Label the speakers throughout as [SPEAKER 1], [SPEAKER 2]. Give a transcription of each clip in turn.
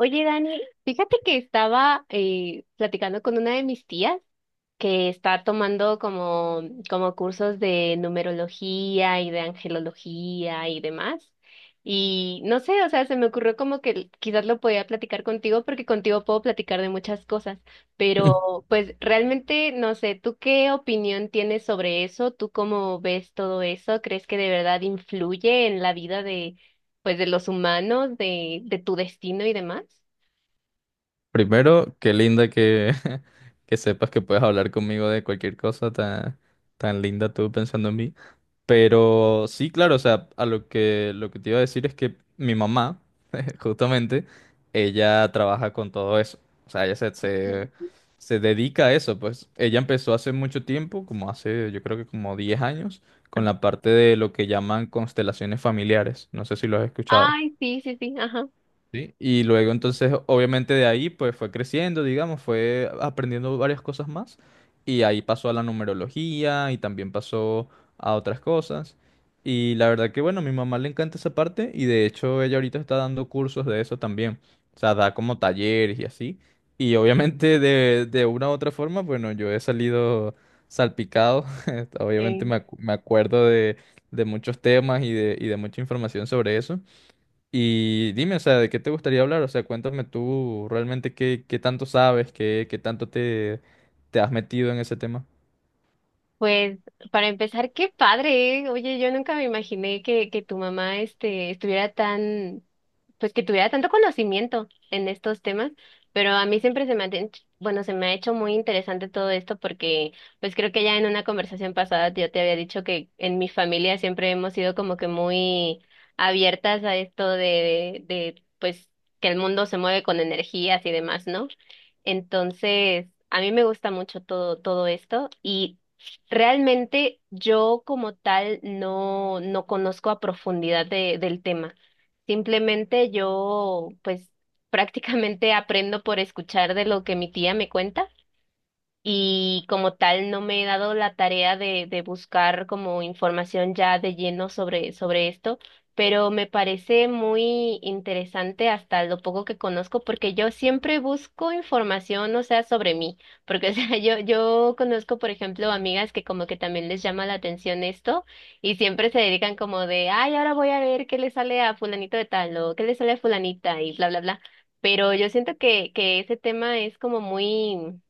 [SPEAKER 1] Oye, Dani, fíjate que estaba platicando con una de mis tías que está tomando como cursos de numerología y de angelología y demás. Y no sé, o sea, se me ocurrió como que quizás lo podía platicar contigo porque contigo puedo platicar de muchas cosas, pero pues realmente no sé, ¿tú qué opinión tienes sobre eso? ¿Tú cómo ves todo eso? ¿Crees que de verdad influye en la vida de, pues, de los humanos, de tu destino y demás?
[SPEAKER 2] Primero, qué linda que sepas que puedes hablar conmigo de cualquier cosa tan linda tú pensando en mí. Pero sí, claro, o sea, a lo que te iba a decir es que mi mamá, justamente, ella trabaja con todo eso. O sea, se dedica a eso, pues. Ella empezó hace mucho tiempo, como hace, yo creo que como 10 años, con la parte de lo que llaman constelaciones familiares. No sé si lo has escuchado.
[SPEAKER 1] Ay, sí, sí, sí, ajá.
[SPEAKER 2] Sí, y luego entonces obviamente de ahí pues fue creciendo, digamos, fue aprendiendo varias cosas más, y ahí pasó a la numerología y también pasó a otras cosas, y la verdad que bueno, a mi mamá le encanta esa parte y de hecho ella ahorita está dando cursos de eso también, o sea, da como talleres y así, y obviamente de una u otra forma, bueno, yo he salido salpicado, obviamente
[SPEAKER 1] Sí.
[SPEAKER 2] me acuerdo de muchos temas y de mucha información sobre eso. Y dime, o sea, ¿de qué te gustaría hablar? O sea, cuéntame tú realmente qué tanto sabes, qué tanto te has metido en ese tema.
[SPEAKER 1] Pues para empezar, qué padre, ¿eh? Oye, yo nunca me imaginé que tu mamá este, estuviera tan, pues que tuviera tanto conocimiento en estos temas, pero a mí siempre se me ha, bueno, se me ha hecho muy interesante todo esto porque pues creo que ya en una conversación pasada yo te había dicho que en mi familia siempre hemos sido como que muy abiertas a esto de pues que el mundo se mueve con energías y demás, ¿no? Entonces, a mí me gusta mucho todo esto y realmente yo como tal no conozco a profundidad del tema. Simplemente yo pues prácticamente aprendo por escuchar de lo que mi tía me cuenta y como tal no me he dado la tarea de buscar como información ya de lleno sobre esto, pero me parece muy interesante hasta lo poco que conozco, porque yo siempre busco información, o sea, sobre mí, porque o sea, yo conozco, por ejemplo, amigas que como que también les llama la atención esto y siempre se dedican como de, ay, ahora voy a ver qué le sale a fulanito de tal o qué le sale a fulanita y bla, bla, bla. Pero yo siento que ese tema es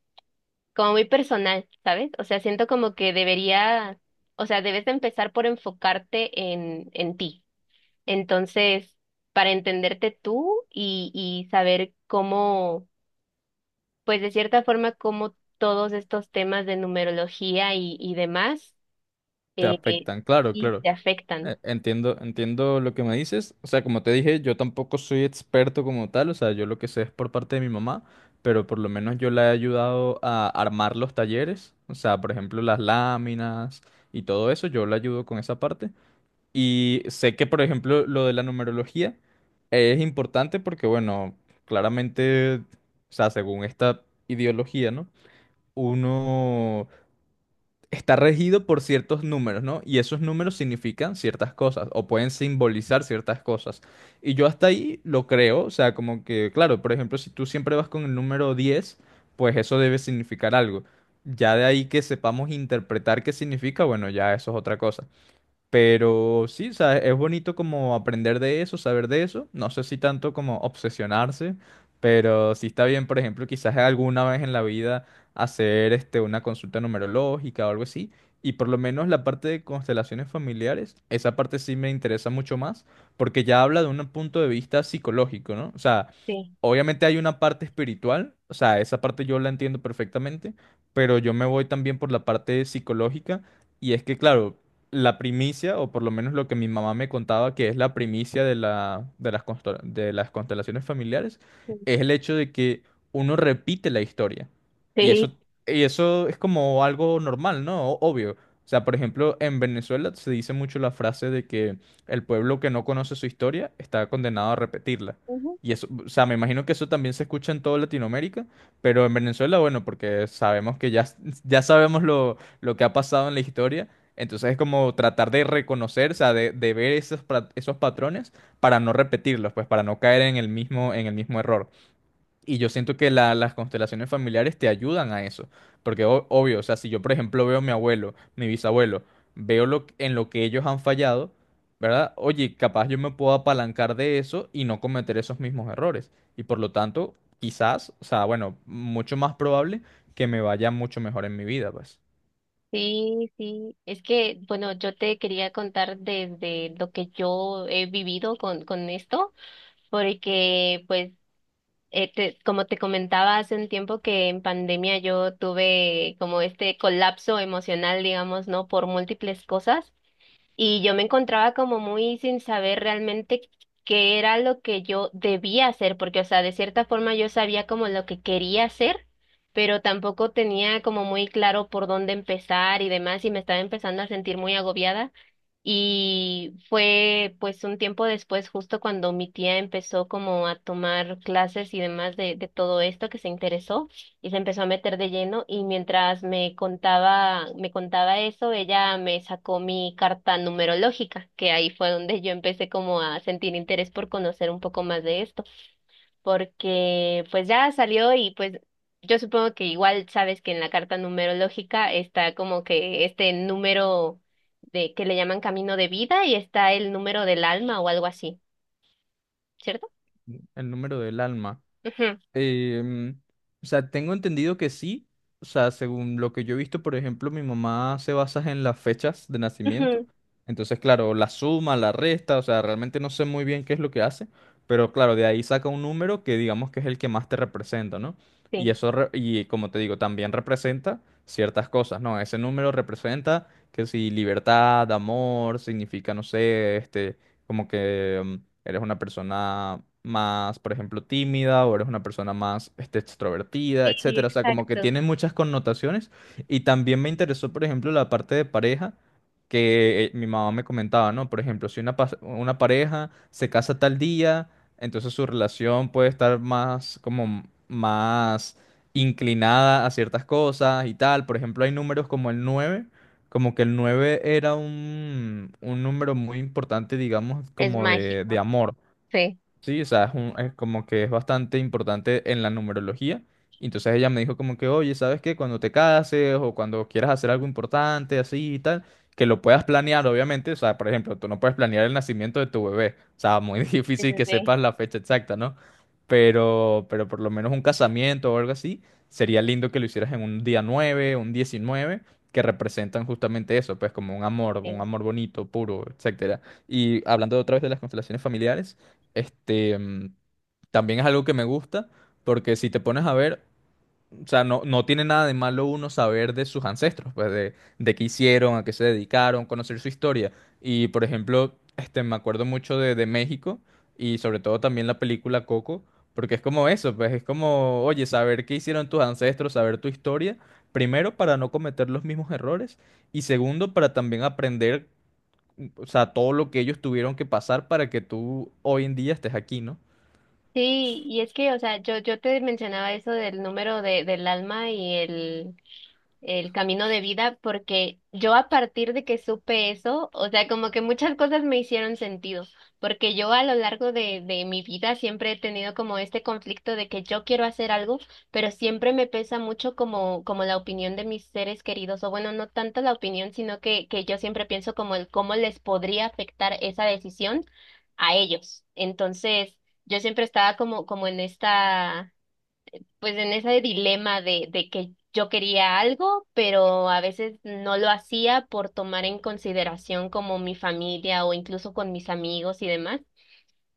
[SPEAKER 1] como muy personal, ¿sabes? O sea, siento como que debería, o sea, debes de empezar por enfocarte en ti. Entonces, para entenderte tú y saber cómo, pues de cierta forma, cómo todos estos temas de numerología y demás,
[SPEAKER 2] Te
[SPEAKER 1] eh, eh,
[SPEAKER 2] afectan, claro,
[SPEAKER 1] sí
[SPEAKER 2] claro.
[SPEAKER 1] te afectan.
[SPEAKER 2] Entiendo, entiendo lo que me dices. O sea, como te dije, yo tampoco soy experto como tal. O sea, yo lo que sé es por parte de mi mamá, pero por lo menos yo la he ayudado a armar los talleres. O sea, por ejemplo, las láminas y todo eso, yo la ayudo con esa parte. Y sé que, por ejemplo, lo de la numerología es importante porque, bueno, claramente, o sea, según esta ideología, ¿no? Uno está regido por ciertos números, ¿no? Y esos números significan ciertas cosas o pueden simbolizar ciertas cosas. Y yo hasta ahí lo creo, o sea, como que, claro, por ejemplo, si tú siempre vas con el número diez, pues eso debe significar algo. Ya de ahí que sepamos interpretar qué significa, bueno, ya eso es otra cosa. Pero sí, o sea, es bonito como aprender de eso, saber de eso. No sé si tanto como obsesionarse, pero sí está bien, por ejemplo, quizás alguna vez en la vida hacer una consulta numerológica o algo así. Y por lo menos la parte de constelaciones familiares, esa parte sí me interesa mucho más, porque ya habla de un punto de vista psicológico, ¿no? O sea,
[SPEAKER 1] Sí.
[SPEAKER 2] obviamente hay una parte espiritual, o sea, esa parte yo la entiendo perfectamente, pero yo me voy también por la parte psicológica y es que, claro, la primicia, o por lo menos lo que mi mamá me contaba que es la primicia de de las constelaciones familiares, es el hecho de que uno repite la historia. Y eso,
[SPEAKER 1] Sí.
[SPEAKER 2] y eso es como algo normal, ¿no? Obvio. O sea, por ejemplo, en Venezuela se dice mucho la frase de que el pueblo que no conoce su historia está condenado a repetirla.
[SPEAKER 1] Ujú.
[SPEAKER 2] Y eso, o sea, me imagino que eso también se escucha en toda Latinoamérica, pero en Venezuela, bueno, porque sabemos que ya sabemos lo que ha pasado en la historia, entonces es como tratar de reconocer, o sea, de ver esos, esos patrones para no repetirlos, pues para no caer en el mismo error. Y yo siento que las constelaciones familiares te ayudan a eso. Porque obvio, o sea, si yo por ejemplo veo a mi abuelo, mi bisabuelo, veo en lo que ellos han fallado, ¿verdad? Oye, capaz yo me puedo apalancar de eso y no cometer esos mismos errores. Y por lo tanto, quizás, o sea, bueno, mucho más probable que me vaya mucho mejor en mi vida, pues.
[SPEAKER 1] Sí, sí. Es que, bueno, yo te quería contar desde lo que yo he vivido con esto, porque pues como te comentaba hace un tiempo que en pandemia yo tuve como este colapso emocional, digamos, ¿no? Por múltiples cosas y yo me encontraba como muy sin saber realmente qué era lo que yo debía hacer, porque, o sea, de cierta forma yo sabía como lo que quería hacer, pero tampoco tenía como muy claro por dónde empezar y demás y me estaba empezando a sentir muy agobiada. Y fue pues un tiempo después, justo cuando mi tía empezó como a tomar clases y demás de todo esto que se interesó y se empezó a meter de lleno y mientras me contaba eso, ella me sacó mi carta numerológica, que ahí fue donde yo empecé como a sentir interés por conocer un poco más de esto porque pues ya salió y pues yo supongo que igual sabes que en la carta numerológica está como que este número de que le llaman camino de vida y está el número del alma o algo así, ¿cierto?
[SPEAKER 2] El número del alma.
[SPEAKER 1] Ujú,
[SPEAKER 2] Em, o sea, tengo entendido que sí. O sea, según lo que yo he visto, por ejemplo, mi mamá se basa en las fechas de nacimiento.
[SPEAKER 1] ujú.
[SPEAKER 2] Entonces, claro, la suma, la resta, o sea, realmente no sé muy bien qué es lo que hace, pero claro, de ahí saca un número que digamos que es el que más te representa, ¿no? Y
[SPEAKER 1] Sí,
[SPEAKER 2] eso, y como te digo, también representa ciertas cosas, ¿no? Ese número representa que si libertad, amor, significa, no sé, como que eres una persona más, por ejemplo, tímida o eres una persona más extrovertida,
[SPEAKER 1] sí,
[SPEAKER 2] etcétera. O sea, como que
[SPEAKER 1] exacto.
[SPEAKER 2] tiene muchas connotaciones. Y también me interesó, por ejemplo, la parte de pareja que mi mamá me comentaba, ¿no? Por ejemplo, si una pareja se casa tal día, entonces su relación puede estar más, como más inclinada a ciertas cosas y tal. Por ejemplo, hay números como el 9. Como que el 9 era un número muy importante, digamos,
[SPEAKER 1] Es
[SPEAKER 2] de
[SPEAKER 1] mágico,
[SPEAKER 2] amor.
[SPEAKER 1] sí,
[SPEAKER 2] Sí, o sea, es como que es bastante importante en la numerología. Y entonces ella me dijo como que, oye, ¿sabes qué? Cuando te cases o cuando quieras hacer algo importante, así y tal, que lo puedas planear, obviamente. O sea, por ejemplo, tú no puedes planear el nacimiento de tu bebé. O sea, muy
[SPEAKER 1] sí,
[SPEAKER 2] difícil que
[SPEAKER 1] sí,
[SPEAKER 2] sepas la fecha exacta, ¿no? Pero por lo menos un casamiento o algo así, sería lindo que lo hicieras en un día 9, un 19 que representan justamente eso, pues como un
[SPEAKER 1] sí.
[SPEAKER 2] amor bonito, puro, etcétera. Y hablando otra vez de las constelaciones familiares. Este, mm, también es algo que me gusta, porque si te pones a ver, o sea, no, no tiene nada de malo uno saber de sus ancestros, pues de qué hicieron, a qué se dedicaron, conocer su historia. Y por ejemplo, me acuerdo mucho de México, y sobre todo también la película Coco, porque es como eso, pues es como, oye, saber qué hicieron tus ancestros, saber tu historia, primero para no cometer los mismos errores y segundo para también aprender, o sea, todo lo que ellos tuvieron que pasar para que tú hoy en día estés aquí, ¿no?
[SPEAKER 1] Sí, y es que, o sea, yo te mencionaba eso del número de, del alma y el camino de vida, porque yo a partir de que supe eso, o sea, como que muchas cosas me hicieron sentido, porque yo a lo largo de mi vida siempre he tenido como este conflicto de que yo quiero hacer algo, pero siempre me pesa mucho como, como la opinión de mis seres queridos, o bueno, no tanto la opinión, sino que yo siempre pienso como el cómo les podría afectar esa decisión a ellos. Entonces, yo siempre estaba como, como en esta, pues en ese dilema de que yo quería algo, pero a veces no lo hacía por tomar en consideración como mi familia o incluso con mis amigos y demás.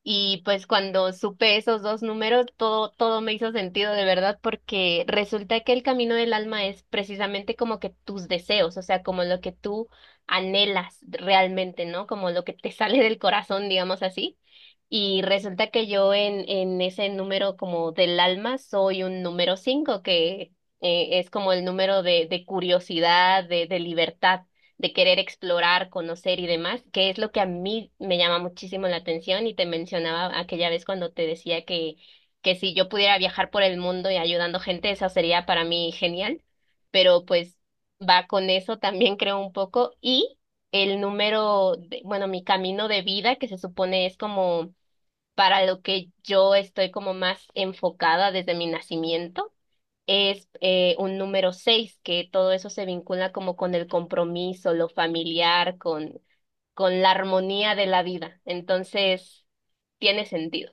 [SPEAKER 1] Y pues cuando supe esos dos números, todo me hizo sentido de verdad, porque resulta que el camino del alma es precisamente como que tus deseos, o sea, como lo que tú anhelas realmente, ¿no? Como lo que te sale del corazón, digamos así. Y resulta que yo en ese número como del alma soy un número cinco, que es como el número de curiosidad, de libertad de querer explorar, conocer y demás, que es lo que a mí me llama muchísimo la atención y te mencionaba aquella vez cuando te decía que si yo pudiera viajar por el mundo y ayudando gente, eso sería para mí genial, pero pues va con eso también creo un poco y el número, bueno, mi camino de vida que se supone es como para lo que yo estoy como más enfocada desde mi nacimiento es un número seis, que todo eso se vincula como con el compromiso, lo familiar, con la armonía de la vida. Entonces, tiene sentido.